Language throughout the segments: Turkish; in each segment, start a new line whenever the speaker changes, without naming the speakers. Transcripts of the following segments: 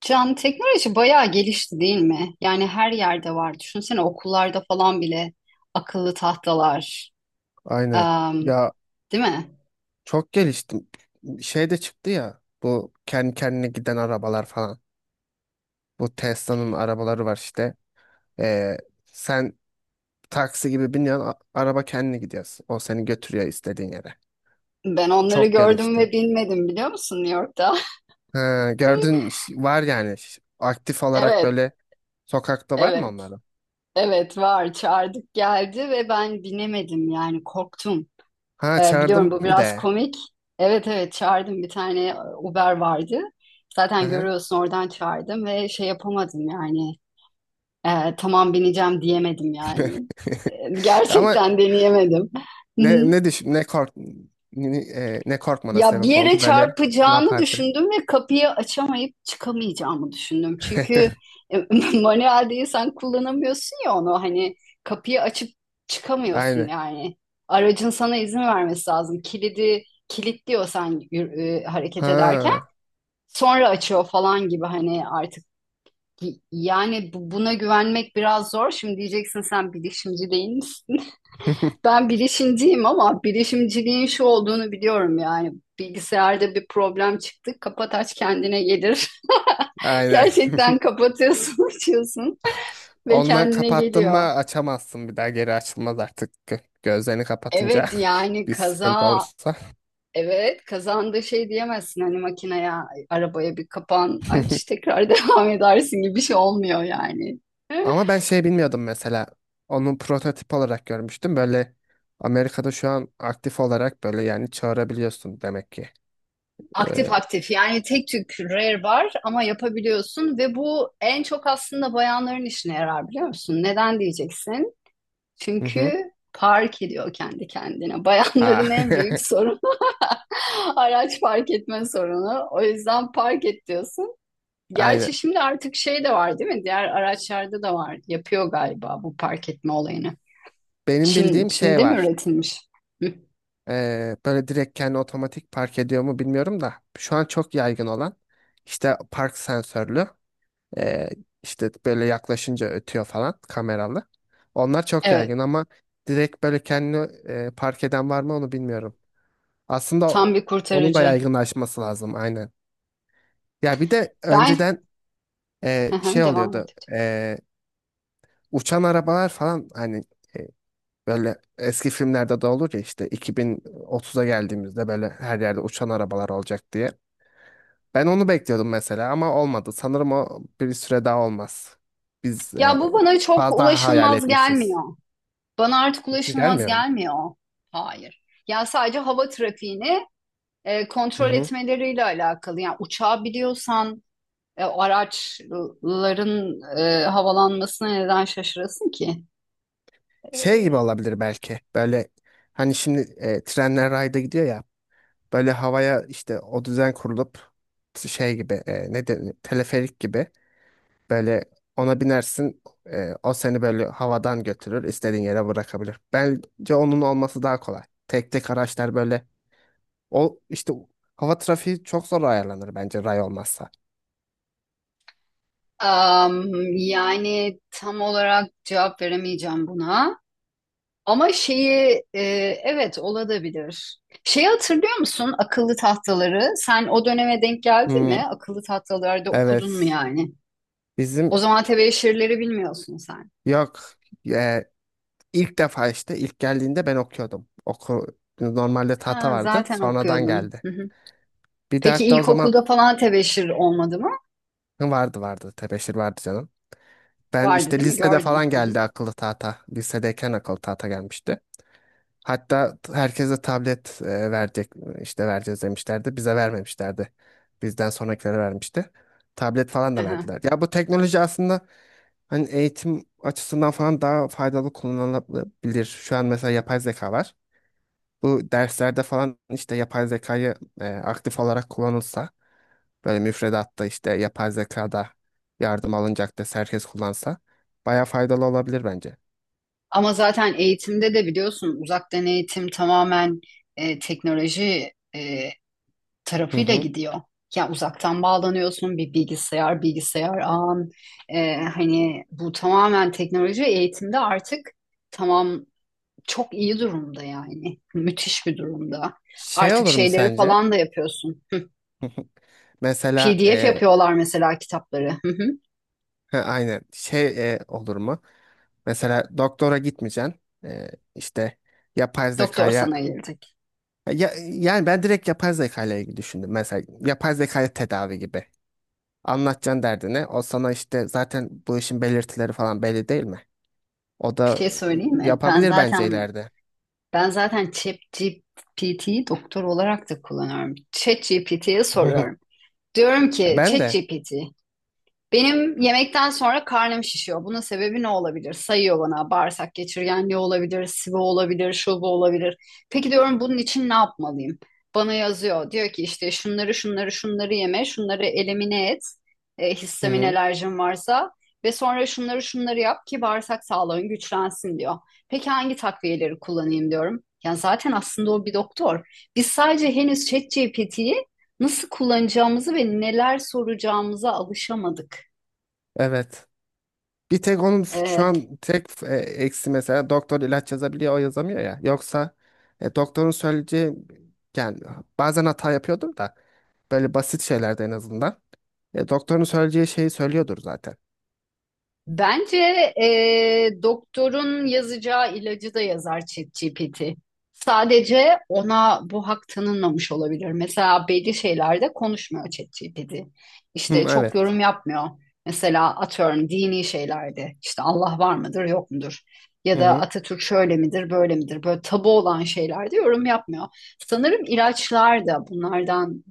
Can, teknoloji bayağı gelişti değil mi? Yani her yerde var. Düşünsene okullarda falan bile akıllı tahtalar.
Aynen.
Em,
Ya
değil mi?
çok geliştim. Şey de çıktı ya. Bu kendi kendine giden arabalar falan. Bu Tesla'nın arabaları var işte. Ee, sen taksi gibi biniyorsun. Araba kendine gidiyor. O seni götürüyor istediğin yere.
Ben onları
Çok
gördüm
gelişti.
ve bilmedim biliyor musun New York'ta?
Ha, gördün var yani. Aktif olarak
Evet,
böyle sokakta var mı
evet,
onların?
evet var. Çağırdık geldi ve ben binemedim yani korktum.
Ha
Biliyorum
çağırdım
bu
bir
biraz
de.
komik. Evet evet çağırdım bir tane Uber vardı.
Hı
Zaten
hı.
görüyorsun oradan çağırdım ve şey yapamadım yani. Tamam bineceğim diyemedim yani.
Ama
Gerçekten deneyemedim. Hı hı.
ne ne düş ne kork ne, ne e, ne korkmana
Ya bir
sebep
yere
oldu böyle ne
çarpacağını
yapardı?
düşündüm ve kapıyı açamayıp çıkamayacağımı düşündüm. Çünkü e, manuel sen kullanamıyorsun ya onu hani kapıyı açıp çıkamıyorsun
Aynen.
yani. Aracın sana izin vermesi lazım. Kilidi kilitliyor sen hareket ederken.
Ha.
Sonra açıyor falan gibi hani artık yani buna güvenmek biraz zor. Şimdi diyeceksin sen bilişimci değil. Ben bilişimciyim ama bilişimciliğin şu olduğunu biliyorum yani. Bilgisayarda bir problem çıktı. Kapat aç kendine gelir.
Aynen.
Gerçekten kapatıyorsun, açıyorsun ve
Ondan
kendine
kapattın mı
geliyor.
açamazsın bir daha geri açılmaz artık. Gözlerini kapatınca
Evet yani
bir sıkıntı olursa.
kazanda şey diyemezsin hani makineye arabaya bir kapan aç tekrar devam edersin gibi bir şey olmuyor yani.
Ama ben şey bilmiyordum mesela. Onun prototip olarak görmüştüm. Böyle Amerika'da şu an aktif olarak böyle yani çağırabiliyorsun demek ki.
Aktif
Ee,
aktif yani tek tük rare var ama yapabiliyorsun ve bu en çok aslında bayanların işine yarar biliyor musun? Neden diyeceksin?
Hı hı.
Çünkü park ediyor kendi kendine.
Aa,
Bayanların en büyük sorunu araç park etme sorunu. O yüzden park et diyorsun. Gerçi
aynen.
şimdi artık şey de var değil mi? Diğer araçlarda da var. Yapıyor galiba bu park etme olayını.
Benim bildiğim şey
Çin'de mi
var.
üretilmiş? Hı.
Böyle direkt kendi otomatik park ediyor mu bilmiyorum da. Şu an çok yaygın olan işte park sensörlü. Ee, işte böyle yaklaşınca ötüyor falan kameralı. Onlar çok
Evet,
yaygın ama direkt böyle kendini park eden var mı onu bilmiyorum. Aslında
tam bir
onun da
kurtarıcı.
yaygınlaşması lazım aynen. Ya bir de
Ben
önceden
hı
şey
hı, devam
oluyordu.
et.
Uçan arabalar falan hani e, böyle eski filmlerde de olur ya işte 2030'a geldiğimizde böyle her yerde uçan arabalar olacak diye. Ben onu bekliyordum mesela ama olmadı. Sanırım o bir süre daha olmaz. Biz
Ya bu
e,
bana çok
Fazla hayal
ulaşılmaz
etmişiz.
gelmiyor. Bana artık ulaşılmaz
Gelmiyor mu?
gelmiyor. Hayır. Ya sadece hava trafiğini
Hı
kontrol
hı.
etmeleriyle alakalı. Yani uçağı biliyorsan araçların havalanmasına neden şaşırasın ki?
Şey gibi olabilir belki. Böyle hani şimdi trenler rayda gidiyor ya. Böyle havaya işte o düzen kurulup şey gibi ne denir teleferik gibi böyle ona binersin, o seni böyle havadan götürür istediğin yere bırakabilir. Bence onun olması daha kolay. Tek tek araçlar böyle o işte hava trafiği çok zor ayarlanır bence ray olmazsa.
Am, yani tam olarak cevap veremeyeceğim buna. Ama evet olabilir. Şeyi hatırlıyor musun akıllı tahtaları? Sen o döneme denk geldin
Hmm,
mi? Akıllı tahtalarda okudun mu
evet.
yani? O
Bizim
zaman tebeşirleri bilmiyorsun sen.
yok. Ee, ilk defa işte ilk geldiğinde ben okuyordum. Normalde tahta
Ha,
vardı.
zaten
Sonradan
okuyordun.
geldi.
Hı hı.
Bir de
Peki
hatta o zaman
ilkokulda falan tebeşir olmadı mı?
vardı. Tebeşir vardı canım. Ben
Vardı
işte
değil mi?
lisede
Gördüm.
falan
Hı hı.
geldi akıllı tahta. Lisedeyken akıllı tahta gelmişti. Hatta herkese tablet verecek işte vereceğiz demişlerdi. Bize vermemişlerdi. Bizden sonrakilere vermişti. Tablet falan da
Aha.
verdiler. Ya bu teknoloji aslında hani eğitim açısından falan daha faydalı kullanılabilir. Şu an mesela yapay zeka var. Bu derslerde falan işte yapay zekayı aktif olarak kullanılsa böyle müfredatta işte yapay zekada yardım alınacak ders herkes kullansa baya faydalı olabilir bence.
Ama zaten eğitimde de biliyorsun uzaktan eğitim tamamen teknoloji
Hı
tarafıyla
hı.
gidiyor. Ya uzaktan bağlanıyorsun bir bilgisayar ağın. Hani bu tamamen teknoloji eğitimde artık tamam çok iyi durumda yani. Müthiş bir durumda.
Şey
Artık
olur mu
şeyleri
sence?
falan da yapıyorsun. Hı.
Mesela
PDF yapıyorlar mesela kitapları. Hı hı.
ha, aynen şey olur mu? Mesela doktora gitmeyeceksin. E, işte Yapay
Doktor
zekaya
sana gelecek.
yani ben direkt yapay zekayla ile ilgili düşündüm. Mesela yapay zekaya tedavi gibi. Anlatacaksın derdini. O sana işte zaten bu işin belirtileri falan belli değil mi? O
Bir
da
şey söyleyeyim mi? Ben
yapabilir bence
zaten
ileride.
ben zaten ChatGPT'yi doktor olarak da kullanıyorum. ChatGPT'ye soruyorum. Diyorum ki
Ben de.
ChatGPT, benim yemekten sonra karnım şişiyor. Bunun sebebi ne olabilir? Sayıyor bana bağırsak geçirgenliği olabilir, sıvı olabilir, şu bu olabilir. Peki diyorum bunun için ne yapmalıyım? Bana yazıyor. Diyor ki işte şunları şunları şunları yeme, şunları elimine et.
Hı
Histamin
hı.
alerjin varsa ve sonra şunları şunları yap ki bağırsak sağlığın güçlensin diyor. Peki hangi takviyeleri kullanayım diyorum. Yani zaten aslında o bir doktor. Biz sadece henüz ChatGPT'yi nasıl kullanacağımızı ve neler soracağımıza alışamadık.
Evet. Bir tek onun şu
Ee,
an tek eksi mesela doktor ilaç yazabiliyor o yazamıyor ya. Yoksa doktorun söyleyeceği yani bazen hata yapıyordur da böyle basit şeylerde en azından. Doktorun söyleyeceği şeyi söylüyordur zaten.
bence doktorun yazacağı ilacı da yazar ChatGPT. Sadece ona bu hak tanınmamış olabilir. Mesela belli şeylerde konuşmuyor ChatGPT.
Hı,
İşte çok
evet.
yorum yapmıyor. Mesela atıyorum dini şeylerde işte Allah var mıdır yok mudur? Ya
Hı
da
hı.
Atatürk şöyle midir böyle midir? Böyle tabu olan şeylerde yorum yapmıyor. Sanırım ilaçlar da bunlardan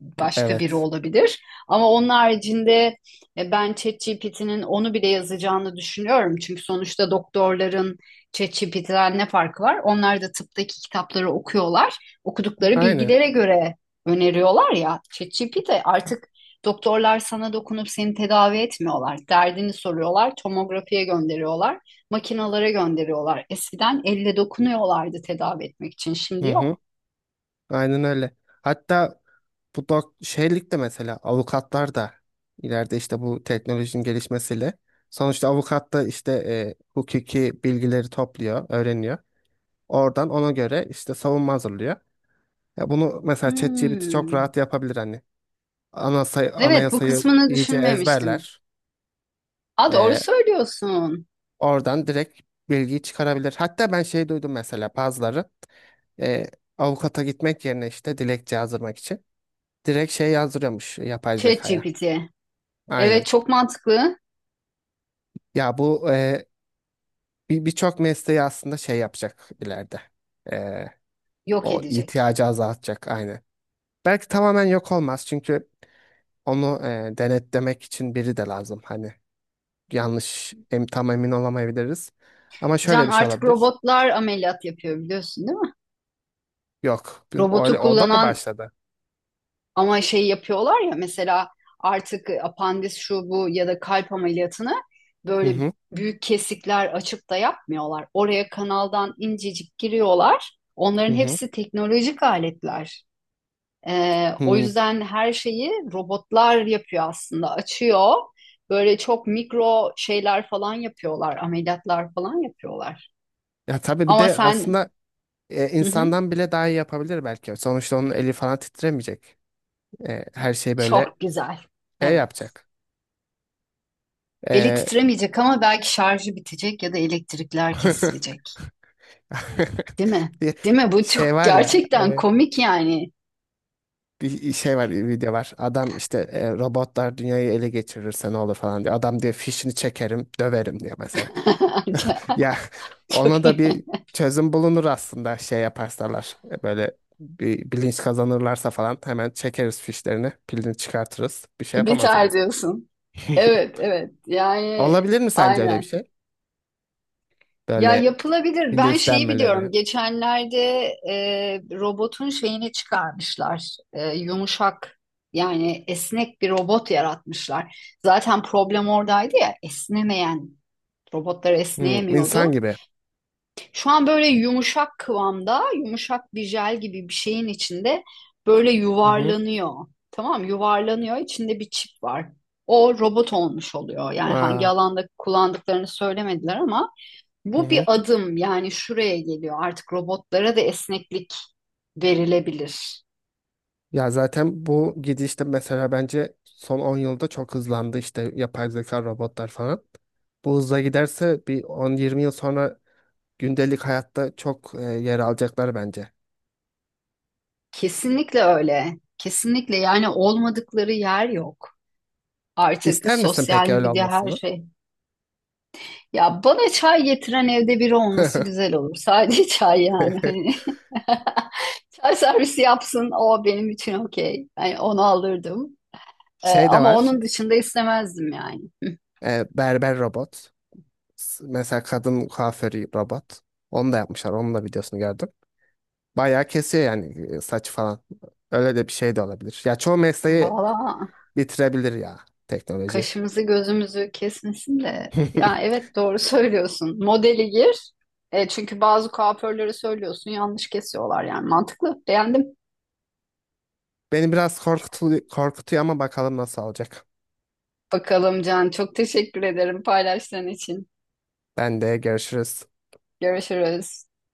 başka biri
Evet.
olabilir. Ama onun haricinde ben ChatGPT'nin onu bile yazacağını düşünüyorum. Çünkü sonuçta doktorların ChatGPT'den ne farkı var? Onlar da tıptaki kitapları okuyorlar. Okudukları
Aynen.
bilgilere göre öneriyorlar ya. ChatGPT artık doktorlar sana dokunup seni tedavi etmiyorlar. Derdini soruyorlar, tomografiye gönderiyorlar, makinalara gönderiyorlar. Eskiden elle dokunuyorlardı tedavi etmek için. Şimdi
Hı hı.
yok.
Aynen öyle. Hatta bu şeylik de mesela avukatlar da ileride işte bu teknolojinin gelişmesiyle sonuçta avukat da işte hukuki bilgileri topluyor, öğreniyor. Oradan ona göre işte savunma hazırlıyor. Ya bunu mesela ChatGPT çok
Hmm.
rahat yapabilir hani.
Evet, bu
Anayasayı
kısmını
iyice
düşünmemiştim.
ezberler.
Aa, doğru
Ee,
söylüyorsun.
Oradan direkt bilgiyi çıkarabilir. Hatta ben şey duydum mesela bazıları e, avukata gitmek yerine işte dilekçe yazdırmak için direkt şey yazdırıyormuş yapay zekaya.
ChatGPT. Evet
Aynen.
çok mantıklı.
Ya bu birçok mesleği aslında şey yapacak ileride. E,
Yok
O
edecek.
ihtiyacı azaltacak aynen. Belki tamamen yok olmaz çünkü onu denetlemek için biri de lazım. Hani yanlış tam emin olamayabiliriz. Ama
Can,
şöyle bir şey
artık
olabilir.
robotlar ameliyat yapıyor biliyorsun değil mi?
Yok.
Robotu
Öyle, o da mı
kullanan
başladı?
ama şey yapıyorlar ya mesela artık apandis şu bu ya da kalp ameliyatını
Hı
böyle
hı.
büyük kesikler açıp da yapmıyorlar. Oraya kanaldan incecik giriyorlar.
Hı
Onların
hı.
hepsi teknolojik aletler. O
Hı.
yüzden her şeyi robotlar yapıyor aslında. Açıyor. Böyle çok mikro şeyler falan yapıyorlar. Ameliyatlar falan yapıyorlar.
Ya tabii bir
Ama
de
sen
aslında
hı hı,
insandan bile daha iyi yapabilir belki. Sonuçta onun eli falan titremeyecek. Her şey böyle
çok güzel. Evet.
yapacak.
Eli
E,
titremeyecek ama belki şarjı bitecek ya da elektrikler kesilecek. Değil mi?
bir
Değil mi? Bu çok
şey var ya,
gerçekten
evet.
komik yani.
bir şey var, bir video var. Adam işte robotlar dünyayı ele geçirirse ne olur falan diyor. Adam diyor fişini çekerim, döverim diyor mesela. Ya ona
Çok
da
iyi.
bir çözüm bulunur aslında şey yaparsalar. Böyle bir bilinç kazanırlarsa falan hemen çekeriz fişlerini, pilini çıkartırız. Bir şey
Biter
yapamazsınız.
diyorsun. Evet, evet. Yani
Olabilir mi sence öyle bir
aynen.
şey?
Ya
Böyle
yapılabilir. Ben şeyi biliyorum.
bilinçlenmeleri.
Geçenlerde e, robotun şeyini çıkarmışlar. Yumuşak yani esnek bir robot yaratmışlar. Zaten problem oradaydı ya esnemeyen robotlar
Hmm, insan
esneyemiyordu.
gibi.
Şu an böyle yumuşak kıvamda, yumuşak bir jel gibi bir şeyin içinde böyle
Hı hı.
yuvarlanıyor. Tamam, yuvarlanıyor. İçinde bir çip var. O robot olmuş oluyor. Yani hangi
Aa,
alanda kullandıklarını söylemediler ama
hı
bu
hı.
bir adım yani şuraya geliyor. Artık robotlara da esneklik verilebilir.
Ya zaten bu gidişte mesela bence son 10 yılda çok hızlandı işte yapay zeka, robotlar falan. Bu hızla giderse bir 10-20 yıl sonra gündelik hayatta çok yer alacaklar bence.
Kesinlikle öyle. Kesinlikle yani olmadıkları yer yok. Artık
İster misin
sosyal
peki öyle
medya her
olmasını?
şey. Ya bana çay getiren evde biri olması güzel olur. Sadece çay yani. Hani çay servisi yapsın o benim için okey. Yani onu alırdım.
Şey de
Ama
var.
onun dışında istemezdim yani.
Berber robot. Mesela kadın kuaförü robot. Onu da yapmışlar. Onun da videosunu gördüm. Bayağı kesiyor yani saç falan. Öyle de bir şey de olabilir. Ya çoğu mesleği
Valla
bitirebilir ya teknoloji.
kaşımızı gözümüzü kesmesin de. Ya evet doğru söylüyorsun. Modeli gir. Çünkü bazı kuaförlere söylüyorsun yanlış kesiyorlar yani. Mantıklı. Beğendim.
Beni biraz korkutuyor, korkutuyor ama bakalım nasıl olacak.
Bakalım Can, çok teşekkür ederim paylaştığın için.
Ben de görüşürüz.
Görüşürüz.